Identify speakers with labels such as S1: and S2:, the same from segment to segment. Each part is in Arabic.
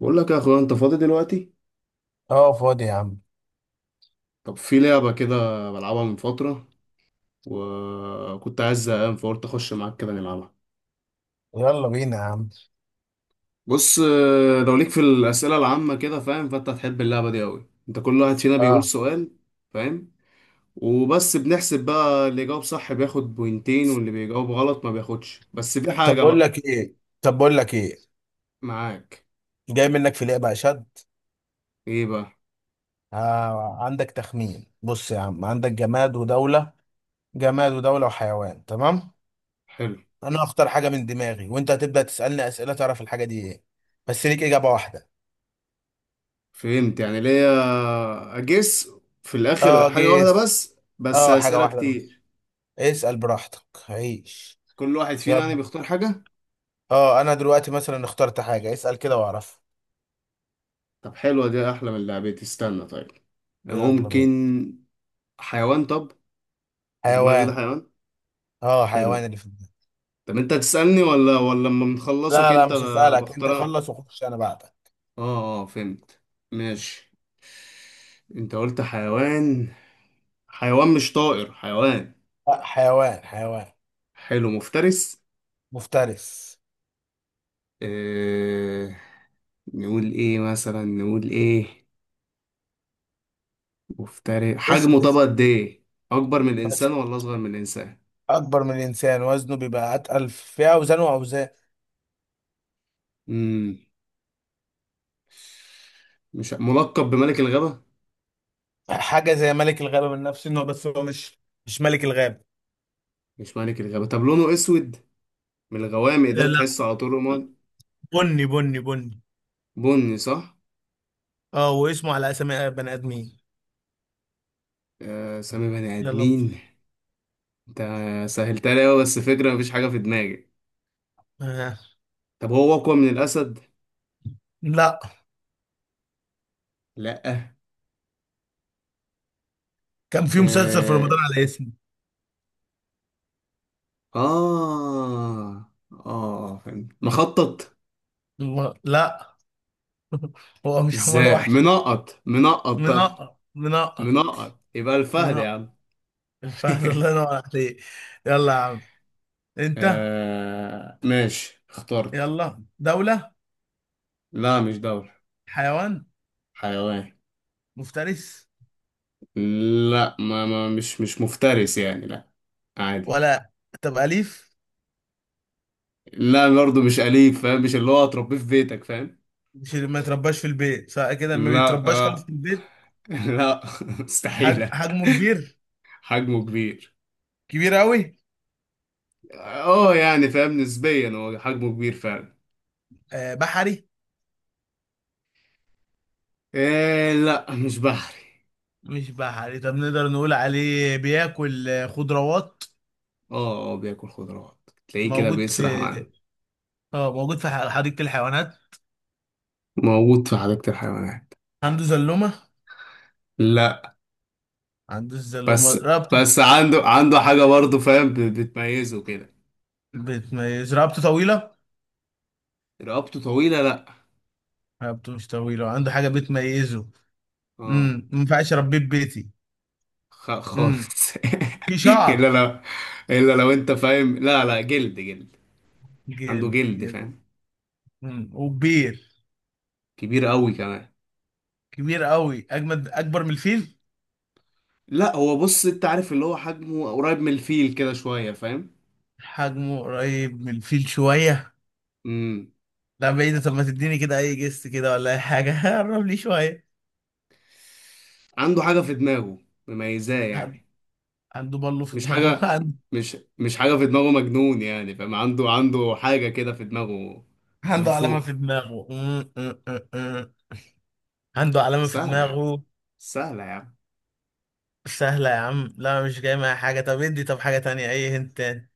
S1: بقول لك يا اخويا انت فاضي دلوقتي.
S2: اه، فاضي يا عم.
S1: طب في لعبة كده بلعبها من فترة، وكنت عايز زهقان فقلت اخش معاك كده نلعبها.
S2: يلا بينا يا عم.
S1: بص آه، لو ليك في الأسئلة العامة كده فاهم، فانت هتحب اللعبة دي قوي. انت كل واحد فينا بيقول
S2: اه.
S1: سؤال، فاهم؟ وبس بنحسب بقى، اللي يجاوب صح بياخد بوينتين واللي بيجاوب غلط ما بياخدش. بس في
S2: طب
S1: حاجة
S2: بقول
S1: بقى
S2: لك ايه. طب بقول لك ايه
S1: معاك.
S2: جاي منك في لعبة اشد.
S1: ايه بقى؟
S2: آه، عندك تخمين. بص يا عم، عندك جماد ودولة. جماد ودولة وحيوان، تمام.
S1: حلو.
S2: انا هختار حاجة من دماغي وانت هتبدأ تسألني أسئلة تعرف الحاجة دي ايه. بس ليك إجابة واحدة.
S1: فهمت، يعني ليا اجس في
S2: اه
S1: الاخر حاجة واحدة
S2: جيس.
S1: بس
S2: اه، حاجة
S1: أسئلة
S2: واحدة بس.
S1: كتير.
S2: اسأل براحتك عيش.
S1: كل واحد فينا يعني
S2: يلا.
S1: بيختار حاجة.
S2: اه انا دلوقتي مثلا اخترت حاجة، اسأل كده واعرف.
S1: طب حلوة دي، أحلى من لعبتي. استنى طيب،
S2: يلا
S1: ممكن
S2: بينا.
S1: حيوان؟ طب اللي في دماغي
S2: حيوان.
S1: ده حيوان.
S2: اه، حيوان
S1: حلو.
S2: اللي في دماغي.
S1: طب أنت تسألني ولا لما بنخلصك
S2: لا
S1: أنت،
S2: مش هسألك، انت
S1: بختار أنا؟
S2: خلص وخش انا بعدك.
S1: آه آه، فهمت. ماشي. أنت قلت حيوان. حيوان مش طائر، حيوان.
S2: لا، حيوان حيوان
S1: حلو. مفترس؟
S2: مفترس.
S1: آه... نقول إيه مثلا، نقول إيه؟ مفترس
S2: اسم
S1: حجمه طب
S2: اسم
S1: قد إيه؟ أكبر من
S2: بس.
S1: الإنسان ولا أصغر من الإنسان؟
S2: اكبر من الانسان، وزنه بيبقى اتقل في اوزانه واوزان.
S1: مم. مش ملقب بملك الغابة؟
S2: حاجه زي ملك الغابه، من نفس النوع بس هو مش مش ملك الغابه.
S1: مش ملك الغابة؟ طب لونه اسود، من الغوامق
S2: آه،
S1: ده،
S2: لا.
S1: تحسه على طول رماد؟
S2: بني.
S1: بني، صح.
S2: اه، واسمه على اسامي بني ادمين.
S1: آه سامي بني
S2: يلا.
S1: ادمين. انت سهلتها لي أوي، بس فكرة مفيش حاجة في دماغي.
S2: آه.
S1: طب هو اقوى من الاسد؟
S2: لا
S1: لا.
S2: كان في مسلسل في
S1: اه.
S2: رمضان على اسمه.
S1: اه, آه، فهمت. مخطط؟
S2: لا. هو مش حمار
S1: ازاي،
S2: وحشي.
S1: منقط منقط طب؟
S2: منقط منقط.
S1: منقط يبقى الفهد يا
S2: منقط.
S1: عم.
S2: الفهد، الله ينور عليك. يلا يا عم. انت.
S1: آه ماشي، اخترت.
S2: يلا. دولة.
S1: لا مش دولة.
S2: حيوان.
S1: حيوان.
S2: مفترس.
S1: لا، ما, ما مش مش مفترس يعني، لا، عادي.
S2: ولا؟ طب أليف؟
S1: لا برضه مش أليف، فاهم؟ مش اللي هو هتربيه في بيتك، فاهم؟
S2: مش ما يترباش في البيت، سواء كده ما
S1: لا
S2: بيترباش خالص في
S1: آه.
S2: البيت.
S1: لا مستحيلة.
S2: حجمه كبير.
S1: حجمه كبير.
S2: كبير قوي.
S1: اه يعني فاهم، نسبيا هو حجمه كبير فعلا.
S2: آه. بحري؟
S1: إيه؟ لا مش بحري.
S2: مش بحري. طب نقدر نقول عليه بياكل خضروات.
S1: اه اه، بياكل خضروات، تلاقيه كده
S2: موجود
S1: بيسرح
S2: في،
S1: معانا.
S2: اه، موجود في حديقة الحيوانات.
S1: موجود في حديقة الحيوانات.
S2: عنده زلومة.
S1: لا.
S2: عنده الزلومة،
S1: بس
S2: رقبته.
S1: بس عنده حاجة برضه فاهم، بتميزه كده.
S2: بتميز. رقبته طويلة.
S1: رقبته طويلة؟ لا.
S2: رقبته مش طويلة، عنده حاجة بتميزه.
S1: اه.
S2: ما ينفعش اربيه في بيتي. امم
S1: خالص.
S2: في
S1: الا
S2: شعر.
S1: لو، الا لو انت فاهم، لا لا، جلد، جلد. عنده
S2: جامد
S1: جلد
S2: جامد.
S1: فاهم.
S2: مم. وكبير.
S1: كبير قوي كمان.
S2: كبير قوي اجمد، اكبر من الفيل.
S1: لا، هو بص انت عارف اللي هو حجمه قريب من الفيل كده شويه، فاهم؟
S2: حجمه قريب من الفيل شويه.
S1: امم.
S2: لا بعيد. طب ما تديني كده اي جست كده ولا اي حاجه. قرب لي شويه.
S1: عنده حاجه في دماغه مميزاه
S2: عن-
S1: يعني.
S2: عنده بالو في
S1: مش
S2: دماغه.
S1: حاجه، مش حاجه في دماغه مجنون يعني فاهم، عنده حاجه كده في دماغه من
S2: عنده علامه
S1: فوق.
S2: في دماغه. عنده علامه في
S1: سهله يعني،
S2: دماغه.
S1: سهله يعني.
S2: سهله يا عم؟ لا، مش جاي معايا حاجه. طب ادي، طب حاجه تانية، اي هنت تاني.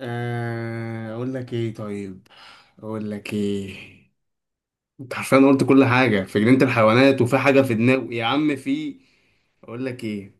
S1: أه، اقول لك ايه طيب، اقول لك ايه. انت حرفيا قلت كل حاجه في جنينه الحيوانات، وفي حاجه في دماغه يا عم. في، اقول لك ايه،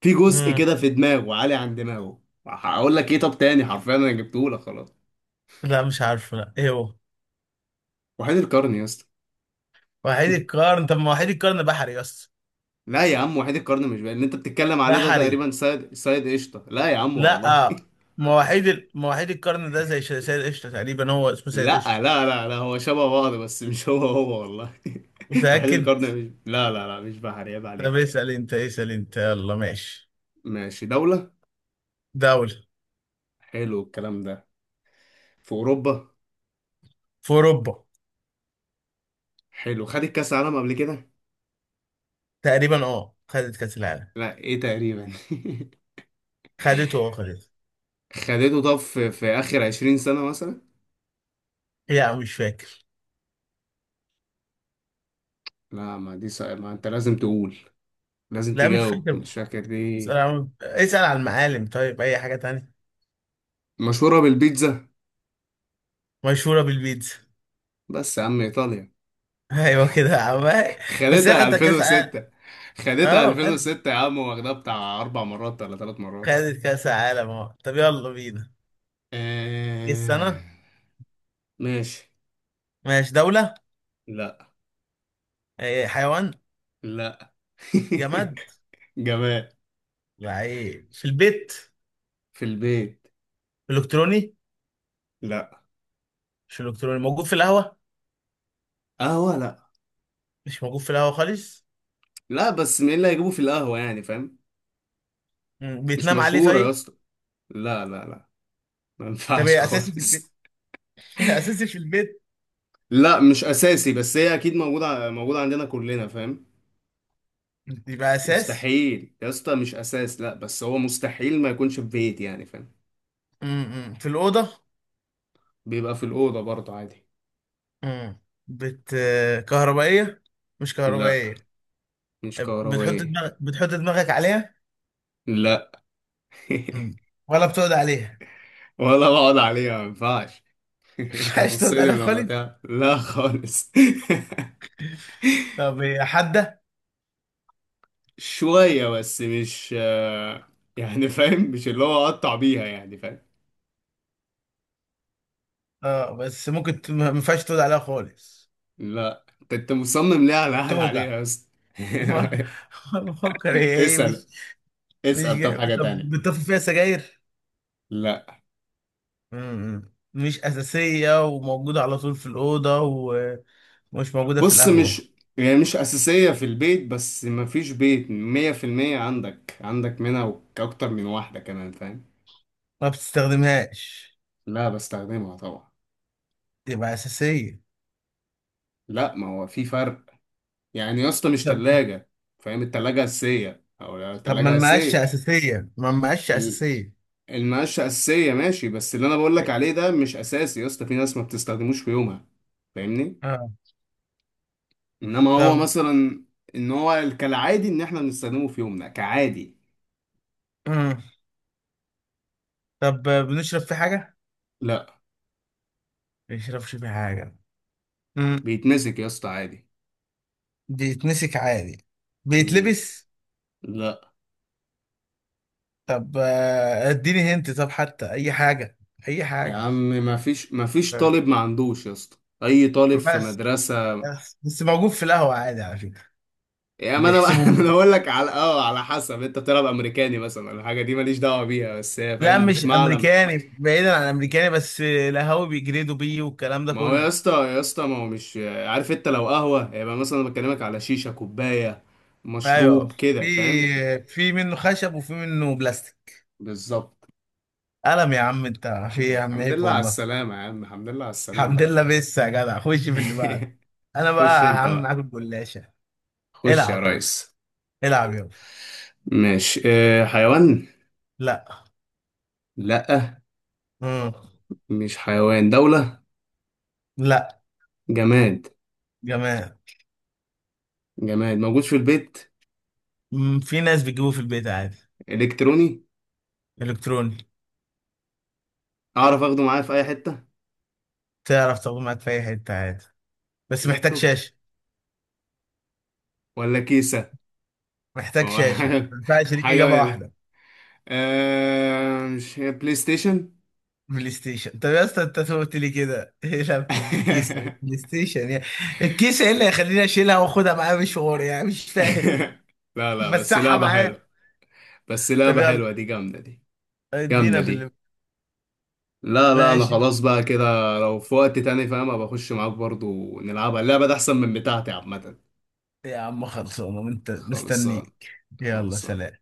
S1: في جزء
S2: مم.
S1: كده في دماغه عالي عن دماغه. هقول لك ايه طب تاني، حرفيا انا جبته لك خلاص.
S2: لا مش عارفه، لا ايه هو؟
S1: وحيد القرن يا اسطى.
S2: وحيد القرن. طب ما وحيد القرن بحري بس.
S1: لا يا عم، وحيد القرن مش بقى اللي انت بتتكلم عليه ده،
S2: بحري.
S1: تقريبا سيد قشطه. لا يا عم والله.
S2: لا. مواعيد مواعيد القرن ده زي سيد قشطة تقريبا، هو اسمه سيد
S1: لا
S2: قشطة.
S1: لا لا لا، هو شبه بعض بس مش هو هو، والله. وحيد
S2: متأكد؟
S1: القرن مش، لا لا لا، مش بحر، عيب
S2: طب
S1: عليك.
S2: اسأل انت، اسأل انت. يلا ماشي.
S1: ماشي، دولة.
S2: دولة.
S1: حلو الكلام ده. في أوروبا.
S2: في أوروبا.
S1: حلو، خدت كأس عالم قبل كده؟
S2: تقريبا اه، خدت كأس العالم.
S1: لا ايه تقريبا؟
S2: خدته. اه خدته.
S1: خدته. طب في اخر 20 سنة مثلا؟
S2: لا مش فاكر.
S1: لا ما دي صعبة، ما انت لازم تقول، لازم
S2: لا مش
S1: تجاوب.
S2: فاكر.
S1: مش فاكر دي؟
S2: اسأل عن، اسأل عن المعالم طيب. أي حاجة تانية.
S1: مشهورة بالبيتزا.
S2: مشهورة بالبيتزا.
S1: بس يا عم ايطاليا.
S2: أيوة كده يا عم. بس هي
S1: خدتها
S2: خدت كأس عالم.
S1: 2006. خدتها
S2: اه خدت.
S1: 2006 يا عم، واخدها بتاع اربع مرات ولا ثلاث مرات؟
S2: خدت كأس عالم اه. طب يلا بينا. ايه
S1: آه...
S2: السنة؟
S1: ماشي.
S2: ماشي. دولة.
S1: لا.
S2: إيه، حيوان.
S1: لا.
S2: جماد.
S1: جمال؟
S2: لعيب في البيت.
S1: في البيت.
S2: الكتروني.
S1: لا.
S2: مش الكتروني، موجود في القهوه.
S1: قهوة؟ لا.
S2: مش موجود في القهوه خالص.
S1: لا، بس مين اللي هيجيبه في القهوة يعني، فاهم؟
S2: مم.
S1: مش
S2: بيتنام عليه
S1: مشهورة يا
S2: طيب.
S1: اسطى. لا لا لا، ما
S2: طب
S1: ينفعش
S2: إيه اساسي في البيت؟
S1: خالص.
S2: اساسي في البيت.
S1: لا مش اساسي، بس هي اكيد موجوده، موجوده عندنا كلنا فاهم.
S2: يبقى اساسي.
S1: مستحيل يا اسطى، مش اساس، لا بس هو مستحيل ما يكونش في بيت، يعني فاهم؟
S2: مم. في الاوضه.
S1: بيبقى في الاوضه برضه عادي.
S2: مم. بت. كهربائيه. مش
S1: لا،
S2: كهربائيه.
S1: مش
S2: بتحط
S1: كهربائي.
S2: دماغك، بتحط دماغك عليها.
S1: لا.
S2: مم. ولا بتقعد عليها؟
S1: ولا بقعد عليها، ما ينفعش. انت
S2: مش عايز تقعد عليها
S1: هتصدم لما
S2: خالص.
S1: تعرف، لا خالص.
S2: طب هي حاده.
S1: شويه بس، مش آه، يعني فاهم مش اللي هو اقطع بيها، يعني فاهم.
S2: اه بس ممكن ما ينفعش تقعد عليها خالص.
S1: لا انت، أنت مصمم ليه على قاعد عليها
S2: توجع.
S1: يا اسطى؟
S2: بفكر هي ايه.
S1: اسأل،
S2: مش
S1: اسأل طب
S2: جاي.
S1: حاجة
S2: طب
S1: تانية.
S2: بتطفي فيها سجاير؟
S1: لا.
S2: مش أساسية، وموجودة على طول في الأوضة، ومش موجودة في
S1: بص
S2: القهوة.
S1: مش، يعني مش أساسية في البيت، بس مفيش بيت 100%، عندك منها، وك- أكتر من واحدة كمان فاهم.
S2: ما بتستخدمهاش.
S1: لا بستخدمها طبعا.
S2: تبقى أساسية.
S1: لا، ما هو في فرق يعني يا اسطى، مش
S2: طب.
S1: تلاجة فاهم؟ التلاجة أساسية، أو لا
S2: طب ما
S1: التلاجة
S2: المقاشة
S1: أساسية.
S2: أساسية، ما المقاشة
S1: ال-
S2: أساسية.
S1: المقاشة أساسية ماشي، بس اللي أنا بقولك عليه ده مش أساسي يا اسطى، في ناس ما بتستخدموش في يومها، فاهمني؟
S2: آه.
S1: إنما هو
S2: طب.
S1: مثلا، إن هو كالعادي، إن إحنا بنستخدمه في يومنا كعادي.
S2: مم. طب بنشرب في حاجة؟
S1: لا.
S2: ما بنشربش في حاجة. مم.
S1: بيتمسك يا اسطى عادي.
S2: بيتمسك عادي.
S1: مم.
S2: بيتلبس؟
S1: لا
S2: طب اديني هنت، طب حتى أي حاجة. أي
S1: يا
S2: حاجة.
S1: عم، ما فيش طالب ما عندوش يا اسطى، اي طالب في
S2: بس.
S1: مدرسه.
S2: بس موجود في القهوة عادي على فكرة.
S1: يا ما انا بقى.
S2: بيحسبوا
S1: انا
S2: بيه.
S1: بقول لك على اه على حسب، انت بتلعب امريكاني مثلا، الحاجه دي ماليش دعوه بيها، بس هي
S2: لا
S1: فاهم مش
S2: مش
S1: معلم.
S2: أمريكاني، بعيدا عن أمريكاني، بس القهاوي بيجريدوا بيه والكلام ده
S1: ما هو
S2: كله.
S1: يا اسطى، يا اسطى ما هو، مش عارف انت لو قهوه يبقى، مثلا أنا بكلمك على شيشه، كوبايه
S2: أيوه.
S1: مشروب
S2: في.
S1: كده، فاهم؟
S2: في منه خشب وفي منه بلاستيك.
S1: بالظبط.
S2: قلم يا عم أنت. في
S1: الحمد
S2: إيه يا عم،
S1: الحمد
S2: عيب
S1: لله على
S2: والله.
S1: السلامه يا عم، الحمد لله على السلامه.
S2: الحمد لله، بس يا جدع خش في اللي بعده. أنا
S1: خش
S2: بقى
S1: انت
S2: هعمل معاك
S1: بقى،
S2: الجلاشة.
S1: خش يا
S2: العب.
S1: ريس.
S2: العب يابا.
S1: ماشي. اه حيوان؟
S2: لا.
S1: لأ،
S2: مم.
S1: مش حيوان. دولة؟
S2: لا
S1: جماد.
S2: جماعة.
S1: جماد موجود في البيت؟
S2: مم، في ناس بتجيبوه في البيت عادي.
S1: إلكتروني.
S2: إلكتروني.
S1: أعرف أخده معايا في أي حتة.
S2: تعرف تاخده معاك في أي حتة عادي. بس محتاج
S1: لابتوب
S2: شاشة.
S1: ولا كيسة؟
S2: محتاج
S1: هو
S2: شاشة،
S1: حاجة،
S2: ما ينفعش ليك
S1: حاجة
S2: إجابة
S1: من
S2: واحدة.
S1: مش هي بلاي ستيشن؟
S2: بلاي ستيشن. طب يا اسطى انت قلت لي كده، ايه لابتوب الكيس. بلاي ستيشن يعني. الكيس ايه اللي هيخليني اشيلها واخدها معايا مشوار، يعني مش فاهم.
S1: لا لا، بس
S2: مسحها
S1: لعبة
S2: معايا.
S1: حلوة، بس
S2: طب
S1: لعبة
S2: يلا.
S1: حلوة دي، جامدة دي، جامدة
S2: ادينا في اللي.
S1: دي. لا لا، أنا
S2: ماشي.
S1: خلاص بقى كده، لو في وقت تاني فاهم أبقى أخش معاك برضو نلعبها، اللعبة دي أحسن من بتاعتي عامة.
S2: يا عم خلصانه، انت
S1: خلصان،
S2: مستنيك. يلا
S1: خلصان.
S2: سلام.